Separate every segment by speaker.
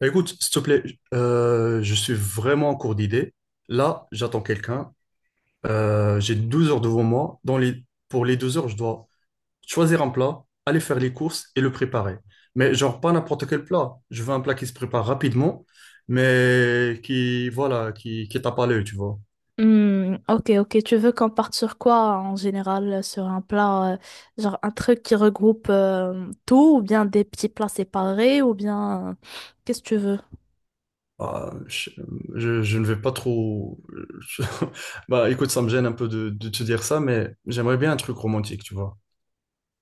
Speaker 1: Bah, écoute, s'il te plaît, je suis vraiment en cours d'idée. Là, j'attends quelqu'un. J'ai 12 heures devant moi. Pour les 12 heures, je dois choisir un plat, aller faire les courses et le préparer. Mais genre, pas n'importe quel plat. Je veux un plat qui se prépare rapidement, mais qui, voilà, qui tape à l'œil, tu vois.
Speaker 2: Hmm, ok, ok. Tu veux qu'on parte sur quoi en général? Sur un plat, genre un truc qui regroupe tout, ou bien des petits plats séparés, ou bien qu'est-ce que tu veux?
Speaker 1: Ah, je, je ne vais pas trop... Bah, écoute, ça me gêne un peu de te dire ça, mais j'aimerais bien un truc romantique, tu vois.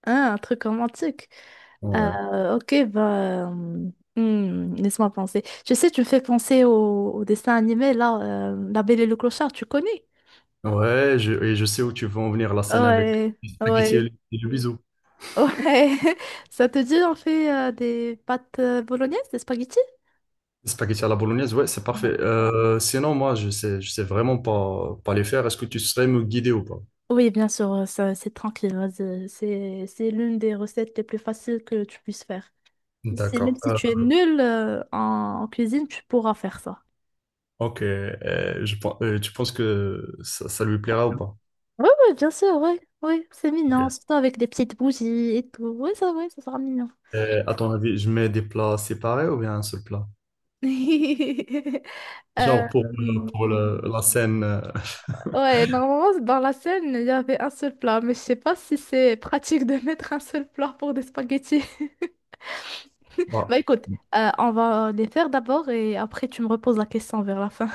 Speaker 2: Hein, un truc romantique. Ok, bah, hmm, laisse-moi penser. Tu sais, tu me fais penser au dessin animé là, La Belle et le Clochard. Tu connais?
Speaker 1: Ouais, et je sais où tu veux en venir, la scène avec
Speaker 2: Ouais,
Speaker 1: les spaghettis
Speaker 2: ouais,
Speaker 1: et le bisou.
Speaker 2: ouais. Ça te dit on fait des pâtes bolognaises, des spaghettis?
Speaker 1: Les spaghettis à la bolognaise, ouais, c'est parfait. Sinon, moi, je sais vraiment pas les faire. Est-ce que tu serais me guider ou pas?
Speaker 2: Oui, bien sûr, ça, c'est tranquille. Vas-y. C'est l'une des recettes les plus faciles que tu puisses faire. C'est même
Speaker 1: D'accord.
Speaker 2: si tu es nul en cuisine, tu pourras faire ça.
Speaker 1: Ok, tu penses que ça lui plaira ou pas?
Speaker 2: Oui, oui, bien sûr, oui, oui, c'est mignon,
Speaker 1: Ok.
Speaker 2: surtout avec des petites bougies et tout. Oui, ça sera mignon.
Speaker 1: À ton avis, je mets des plats séparés ou bien un seul plat?
Speaker 2: Euh,
Speaker 1: Genre pour
Speaker 2: hum,
Speaker 1: la scène.
Speaker 2: ouais, normalement, dans la scène, il y avait un seul plat, mais je sais pas si c'est pratique de mettre un seul plat pour des spaghettis.
Speaker 1: Bah,
Speaker 2: Bah écoute, on va les faire d'abord et après tu me reposes la question vers la fin.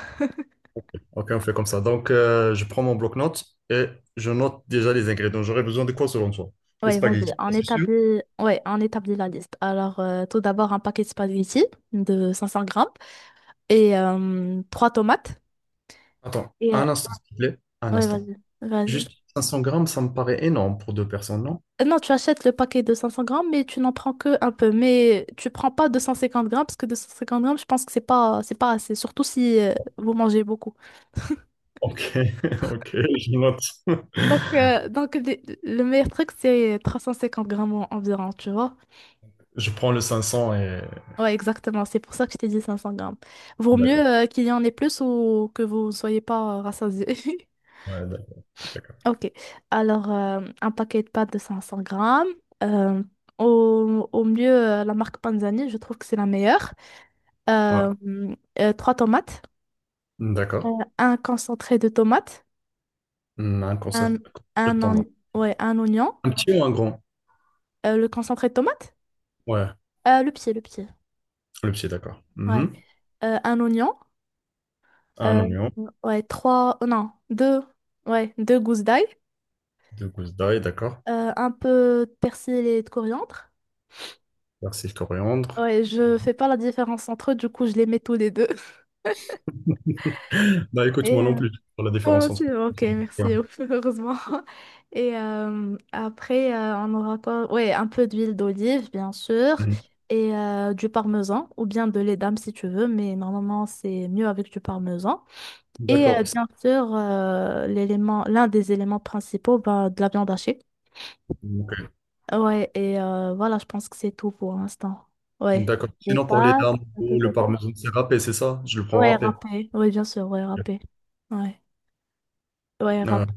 Speaker 1: ok, on fait comme ça. Donc, je prends mon bloc-notes et je note déjà les ingrédients. J'aurais besoin de quoi selon toi? Les
Speaker 2: Oui, vas-y,
Speaker 1: spaghettis,
Speaker 2: on
Speaker 1: ça, c'est sûr.
Speaker 2: établit... ouais, on établit la liste. Alors, tout d'abord, un paquet de spaghettis de 500 grammes et trois tomates.
Speaker 1: Attends,
Speaker 2: Et,
Speaker 1: un instant, s'il te plaît. Un
Speaker 2: ouais,
Speaker 1: instant.
Speaker 2: vas-y, vas-y.
Speaker 1: Juste 500 grammes, ça me paraît énorme pour deux personnes, non?
Speaker 2: Non, tu achètes le paquet de 500 grammes, mais tu n'en prends que un peu. Mais tu prends pas 250 grammes, parce que 250 grammes, je pense que c'est pas assez, surtout si vous mangez beaucoup.
Speaker 1: Ok, ok, je note.
Speaker 2: Donc, euh, donc le, le meilleur truc, c'est 350 grammes environ, tu vois.
Speaker 1: Je prends le 500 et...
Speaker 2: Ouais, exactement. C'est pour ça que je t'ai dit 500 grammes. Vaut mieux
Speaker 1: D'accord,
Speaker 2: qu'il y en ait plus ou que vous ne soyez pas rassasiés.
Speaker 1: ouais, d'accord. D'accord.
Speaker 2: Ok. Alors, un paquet de pâtes de 500 grammes. Euh, Au mieux, la marque Panzani, je trouve que c'est la meilleure.
Speaker 1: Ouais,
Speaker 2: Euh, trois tomates. euh,
Speaker 1: d'accord.
Speaker 2: un concentré de tomates.
Speaker 1: Hmm, un concert.
Speaker 2: Un,
Speaker 1: je t'en-
Speaker 2: ouais, un oignon.
Speaker 1: Un petit ou un grand?
Speaker 2: Le concentré de tomate?
Speaker 1: Ouais,
Speaker 2: Le pied, le pied.
Speaker 1: le petit, d'accord.
Speaker 2: Ouais.
Speaker 1: Mhm.
Speaker 2: Un oignon.
Speaker 1: Un
Speaker 2: euh,
Speaker 1: oignon,
Speaker 2: ouais, trois... Non, deux. Ouais, deux gousses d'ail.
Speaker 1: deux gousses d'ail, d'accord.
Speaker 2: Un peu de persil et de coriandre.
Speaker 1: Persil, coriandre.
Speaker 2: Ouais, je fais pas la différence entre eux, du coup, je les mets tous les deux.
Speaker 1: Bah écoute,
Speaker 2: Et
Speaker 1: moi non plus, pour la
Speaker 2: oh,
Speaker 1: différence entre...
Speaker 2: c'est bon, ok,
Speaker 1: Ouais.
Speaker 2: merci, heureusement. Et après, on aura quoi? Ouais, un peu d'huile d'olive, bien sûr,
Speaker 1: Mhm.
Speaker 2: et du parmesan, ou bien de lait d'âme si tu veux, mais normalement, c'est mieux avec du parmesan. Et
Speaker 1: D'accord.
Speaker 2: bien sûr, l'un des éléments principaux, bah, de la viande hachée.
Speaker 1: Ok.
Speaker 2: Ouais, et voilà, je pense que c'est tout pour l'instant. Ouais.
Speaker 1: D'accord.
Speaker 2: Des
Speaker 1: Sinon, pour les
Speaker 2: pâtes,
Speaker 1: dames, le
Speaker 2: patata.
Speaker 1: parmesan, c'est râpé, c'est ça? Je le prends
Speaker 2: Ouais,
Speaker 1: râpé.
Speaker 2: râpé. Ouais, bien sûr, ouais, râpé. Ouais, ouais,
Speaker 1: Euh,
Speaker 2: râpé.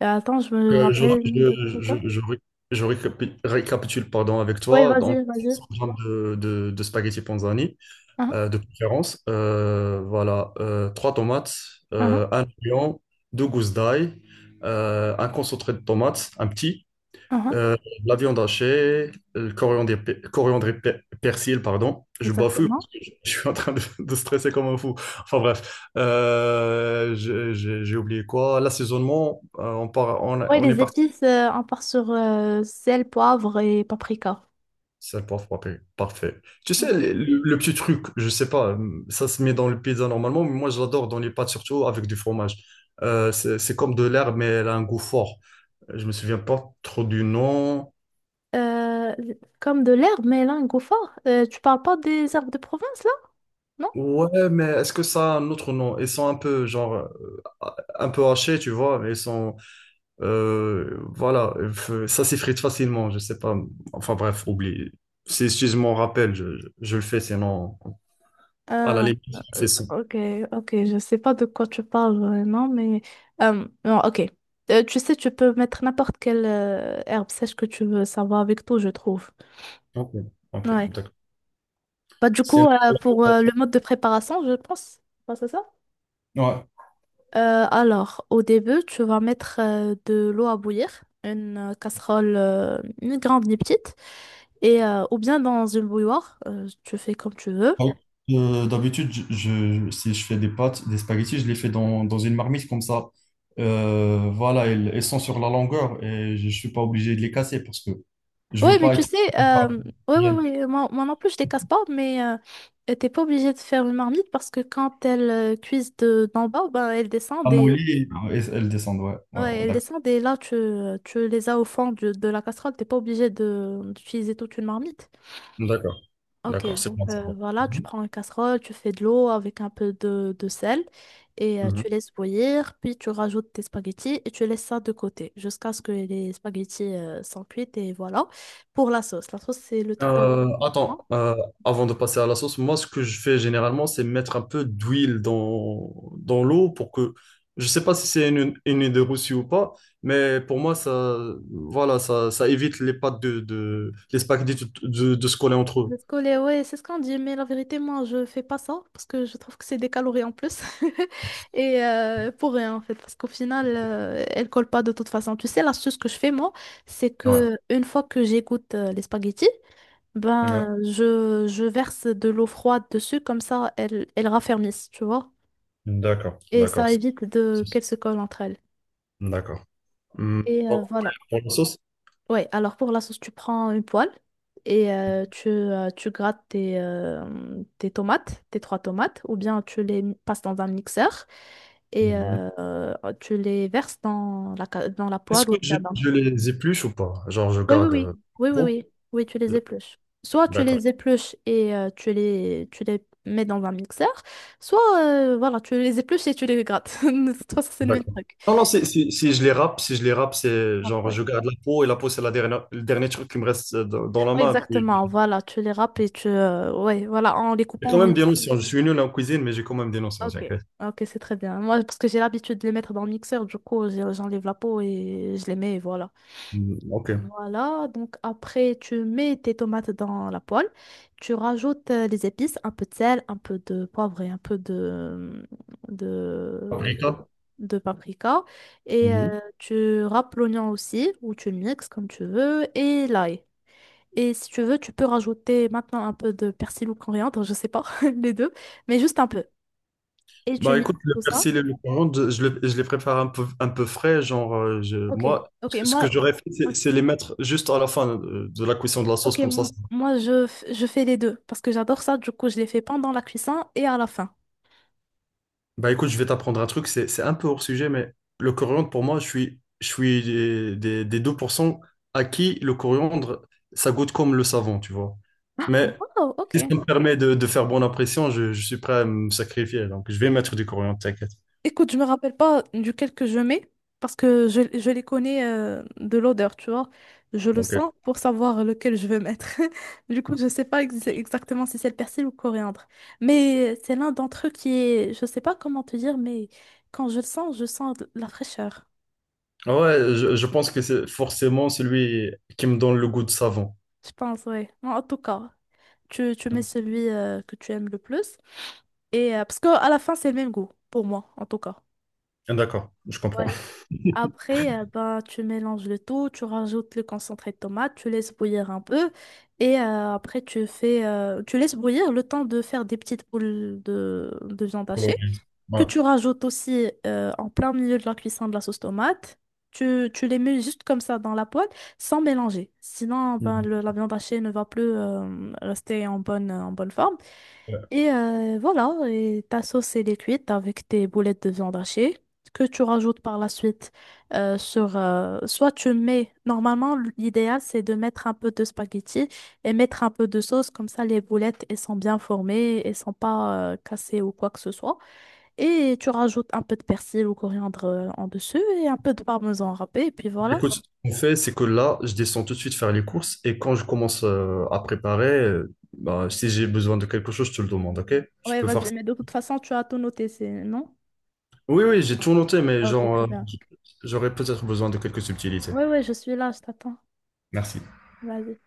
Speaker 2: Et attends, je me
Speaker 1: que
Speaker 2: rappelle. Patata.
Speaker 1: je ré- Je récapitule pardon, avec
Speaker 2: Ouais,
Speaker 1: toi. Donc,
Speaker 2: vas-y, vas-y.
Speaker 1: 100 grammes de spaghetti panzani,
Speaker 2: Uhum,
Speaker 1: de préférence. Voilà, Trois tomates,
Speaker 2: uhum,
Speaker 1: un oignon, deux gousses d'ail, un concentré de tomates, un petit.
Speaker 2: uhum.
Speaker 1: Euh, de la viande hachée, le coriandre, coriandre et persil, pardon. Je bafoue parce
Speaker 2: Exactement.
Speaker 1: que je suis en train de stresser comme un fou. Enfin bref, j'ai oublié quoi. L'assaisonnement,
Speaker 2: Ouais,
Speaker 1: on est
Speaker 2: les
Speaker 1: parti.
Speaker 2: épices, on part sur sel, poivre et paprika.
Speaker 1: Sel, poivre, paprika. Parfait. Tu sais,
Speaker 2: Ouais.
Speaker 1: le petit truc, je sais pas, ça se met dans le pizza normalement, mais moi je l'adore dans les pâtes, surtout avec du fromage. C'est comme de l'herbe, mais elle a un goût fort. Je me souviens pas trop du nom.
Speaker 2: Euh, Comme de l'herbe, mais là, un goût fort. Tu parles pas des herbes de province, là?
Speaker 1: Ouais, mais est-ce que ça a un autre nom? Ils sont un peu, genre, un peu hachés, tu vois, mais ils sont, voilà, ça s'effrite facilement, je sais pas. Enfin bref, oublie. Si je m'en rappelle, je le fais, sinon, à la
Speaker 2: Ah,
Speaker 1: limite, je fais ça.
Speaker 2: ok, ok, je sais pas de quoi tu parles vraiment, mais non, ok. Tu sais, tu peux mettre n'importe quelle herbe sèche que tu veux, ça va avec tout, je trouve.
Speaker 1: Ok, ok,
Speaker 2: Ouais.
Speaker 1: d'accord.
Speaker 2: Bah, du coup,
Speaker 1: Sinon,
Speaker 2: pour le mode de préparation, je pense, bah, c'est ça?
Speaker 1: ouais.
Speaker 2: Alors, au début, tu vas mettre de l'eau à bouillir, une casserole, ni grande ni petite, et ou bien dans une bouilloire, tu fais comme tu veux.
Speaker 1: Ah oui. D'habitude, si je fais des pâtes, des spaghettis, je les fais dans une marmite comme ça. Voilà, elles, elles sont sur la longueur et je ne suis pas obligé de les casser parce que je
Speaker 2: Oui,
Speaker 1: veux
Speaker 2: mais
Speaker 1: pas
Speaker 2: tu
Speaker 1: être
Speaker 2: sais, ouais, ouais, ouais, moi non plus, je les casse pas, mais t'es pas obligé de faire une marmite parce que quand elles cuisent d'en bas, ben, elles descendent et,
Speaker 1: amolli et elles, elles descendent. Ouais, ouais,
Speaker 2: ouais,
Speaker 1: ouais,
Speaker 2: elles
Speaker 1: d'accord.
Speaker 2: descendent et là, tu les as au fond de la casserole, t'es pas obligé de, d'utiliser toute une marmite.
Speaker 1: D'accord,
Speaker 2: Ok,
Speaker 1: d'accord, c'est
Speaker 2: donc
Speaker 1: bon. Ça va.
Speaker 2: voilà, tu
Speaker 1: Mhm.
Speaker 2: prends une casserole, tu fais de l'eau avec un peu de sel et
Speaker 1: Mhm.
Speaker 2: tu laisses bouillir, puis tu rajoutes tes spaghettis et tu laisses ça de côté jusqu'à ce que les spaghettis sont cuits et voilà. Pour la sauce c'est le truc le plus
Speaker 1: Euh, attends,
Speaker 2: important.
Speaker 1: euh, avant de passer à la sauce, moi ce que je fais généralement c'est mettre un peu d'huile dans l'eau pour que, je sais pas si c'est une idée reçue ou pas, mais pour moi ça, voilà, ça évite les pâtes de les spaghettis de de se coller entre eux.
Speaker 2: Le scolé, ouais, c'est ce qu'on dit, mais la vérité, moi, je fais pas ça parce que je trouve que c'est des calories en plus. Et pour rien, en fait, parce qu'au final, elle colle pas de toute façon. Tu sais, l'astuce que je fais, moi, c'est
Speaker 1: Ouais.
Speaker 2: que une fois que j'égoutte les spaghettis,
Speaker 1: Ouais.
Speaker 2: ben, je verse de l'eau froide dessus, comme ça, elles, elles raffermissent, tu vois.
Speaker 1: D'accord,
Speaker 2: Et
Speaker 1: d'accord,
Speaker 2: ça évite de qu'elles se collent entre elles.
Speaker 1: d'accord.
Speaker 2: Et
Speaker 1: Donc,
Speaker 2: voilà.
Speaker 1: pour la sauce.
Speaker 2: Ouais, alors pour la sauce, tu prends une poêle et tu grattes tes, tes tomates, tes trois tomates, ou bien tu les passes dans un mixeur et
Speaker 1: Mhm.
Speaker 2: tu les verses dans la, dans la
Speaker 1: Est-ce
Speaker 2: poêle
Speaker 1: que
Speaker 2: ou bien dans...
Speaker 1: je les épluche ou pas? Genre je
Speaker 2: Oui, oui,
Speaker 1: garde.
Speaker 2: oui, oui, oui,
Speaker 1: Gros.
Speaker 2: oui, oui, tu les épluches. Soit tu
Speaker 1: D'accord.
Speaker 2: les épluches et tu les mets dans un mixeur, soit voilà, tu les épluches et tu les grattes. De toute façon, c'est le même
Speaker 1: D'accord.
Speaker 2: truc.
Speaker 1: Non, non, si je les râpe, si je les râpe, c'est genre je
Speaker 2: Après.
Speaker 1: garde la peau et la peau, c'est la dernière, le dernier truc qui me reste dans la
Speaker 2: Ouais,
Speaker 1: main. Puis,
Speaker 2: exactement, voilà, tu les râpes et tu... ouais, voilà, en les
Speaker 1: j'ai
Speaker 2: coupant en
Speaker 1: quand même des notions. Je suis nul en cuisine, mais j'ai quand même des notions,
Speaker 2: ok,
Speaker 1: t'inquiète.
Speaker 2: ok, c'est très bien. Moi, parce que j'ai l'habitude de les mettre dans le mixeur, du coup, j'enlève la peau et je les mets, et voilà.
Speaker 1: Mm, ok.
Speaker 2: Voilà, donc après, tu mets tes tomates dans la poêle, tu rajoutes les épices, un peu de sel, un peu de poivre et un peu de,
Speaker 1: Paprika.
Speaker 2: de paprika. Et
Speaker 1: Mhm.
Speaker 2: tu râpes l'oignon aussi, ou tu le mixes comme tu veux, et l'ail. Et si tu veux, tu peux rajouter maintenant un peu de persil ou coriandre, je sais pas, les deux, mais juste un peu. Et tu
Speaker 1: Bah écoute,
Speaker 2: mixes
Speaker 1: le
Speaker 2: tout ça.
Speaker 1: persil et le coriandre, je les prépare un peu frais. Genre,
Speaker 2: Ok,
Speaker 1: moi,
Speaker 2: ok,
Speaker 1: ce
Speaker 2: moi,
Speaker 1: que j'aurais fait, c'est
Speaker 2: ok,
Speaker 1: les mettre juste à la fin de la cuisson de la sauce,
Speaker 2: ok,
Speaker 1: comme ça.
Speaker 2: moi je fais les deux parce que j'adore ça. Du coup, je les fais pendant la cuisson et à la fin.
Speaker 1: Bah écoute, je vais t'apprendre un truc, c'est un peu hors sujet, mais le coriandre, pour moi, je suis des 2% à qui le coriandre, ça goûte comme le savon, tu vois.
Speaker 2: Ah,
Speaker 1: Mais
Speaker 2: wow,
Speaker 1: si
Speaker 2: ok.
Speaker 1: ça me permet de faire bonne impression, je suis prêt à me sacrifier. Donc, je vais mettre du coriandre, t'inquiète.
Speaker 2: Écoute, je me rappelle pas duquel que je mets parce que je les connais de l'odeur, tu vois. Je le
Speaker 1: Donc,
Speaker 2: sens pour savoir lequel je veux mettre. Du coup, je sais pas exactement si c'est le persil ou le coriandre. Mais c'est l'un d'entre eux qui est, je sais pas comment te dire, mais quand je le sens, je sens de la fraîcheur.
Speaker 1: ouais, je pense que c'est forcément celui qui me donne le goût de savon.
Speaker 2: Je pense, ouais. En tout cas, tu mets celui que tu aimes le plus. Et parce qu'à la fin, c'est le même goût, pour moi, en tout cas.
Speaker 1: D'accord, je comprends.
Speaker 2: Ouais. Après, ben, tu mélanges le tout, tu rajoutes le concentré de tomate, tu laisses bouillir un peu. Et après, tu laisses bouillir le temps de faire des petites boules de viande hachée, que tu rajoutes aussi en plein milieu de la cuisson de la sauce tomate. Tu les mets juste comme ça dans la poêle, sans mélanger. Sinon, ben, la viande hachée ne va plus rester en bonne forme.
Speaker 1: Ouais.
Speaker 2: Et voilà, et ta sauce elle est cuite avec tes boulettes de viande hachée que tu rajoutes par la suite sur... soit tu mets... Normalement, l'idéal, c'est de mettre un peu de spaghetti et mettre un peu de sauce. Comme ça, les boulettes, elles sont bien formées, elles sont pas cassées ou quoi que ce soit. Et tu rajoutes un peu de persil ou coriandre en dessus et un peu de parmesan râpé. Et puis voilà.
Speaker 1: Écoute, ce qu'on fait, c'est que là, je descends tout de suite faire les courses et quand je commence à préparer, bah, si j'ai besoin de quelque chose, je te le demande, ok? Tu
Speaker 2: Ouais,
Speaker 1: peux faire
Speaker 2: vas-y,
Speaker 1: ça.
Speaker 2: mais de toute façon, tu as tout noté, c'est... Non?
Speaker 1: Oui, oui, j'ai tout noté, mais
Speaker 2: Ah, ok,
Speaker 1: genre,
Speaker 2: très bien.
Speaker 1: j'aurais peut-être besoin de quelques subtilités.
Speaker 2: Ouais, ouais, je suis là, je t'attends.
Speaker 1: Merci.
Speaker 2: Vas-y.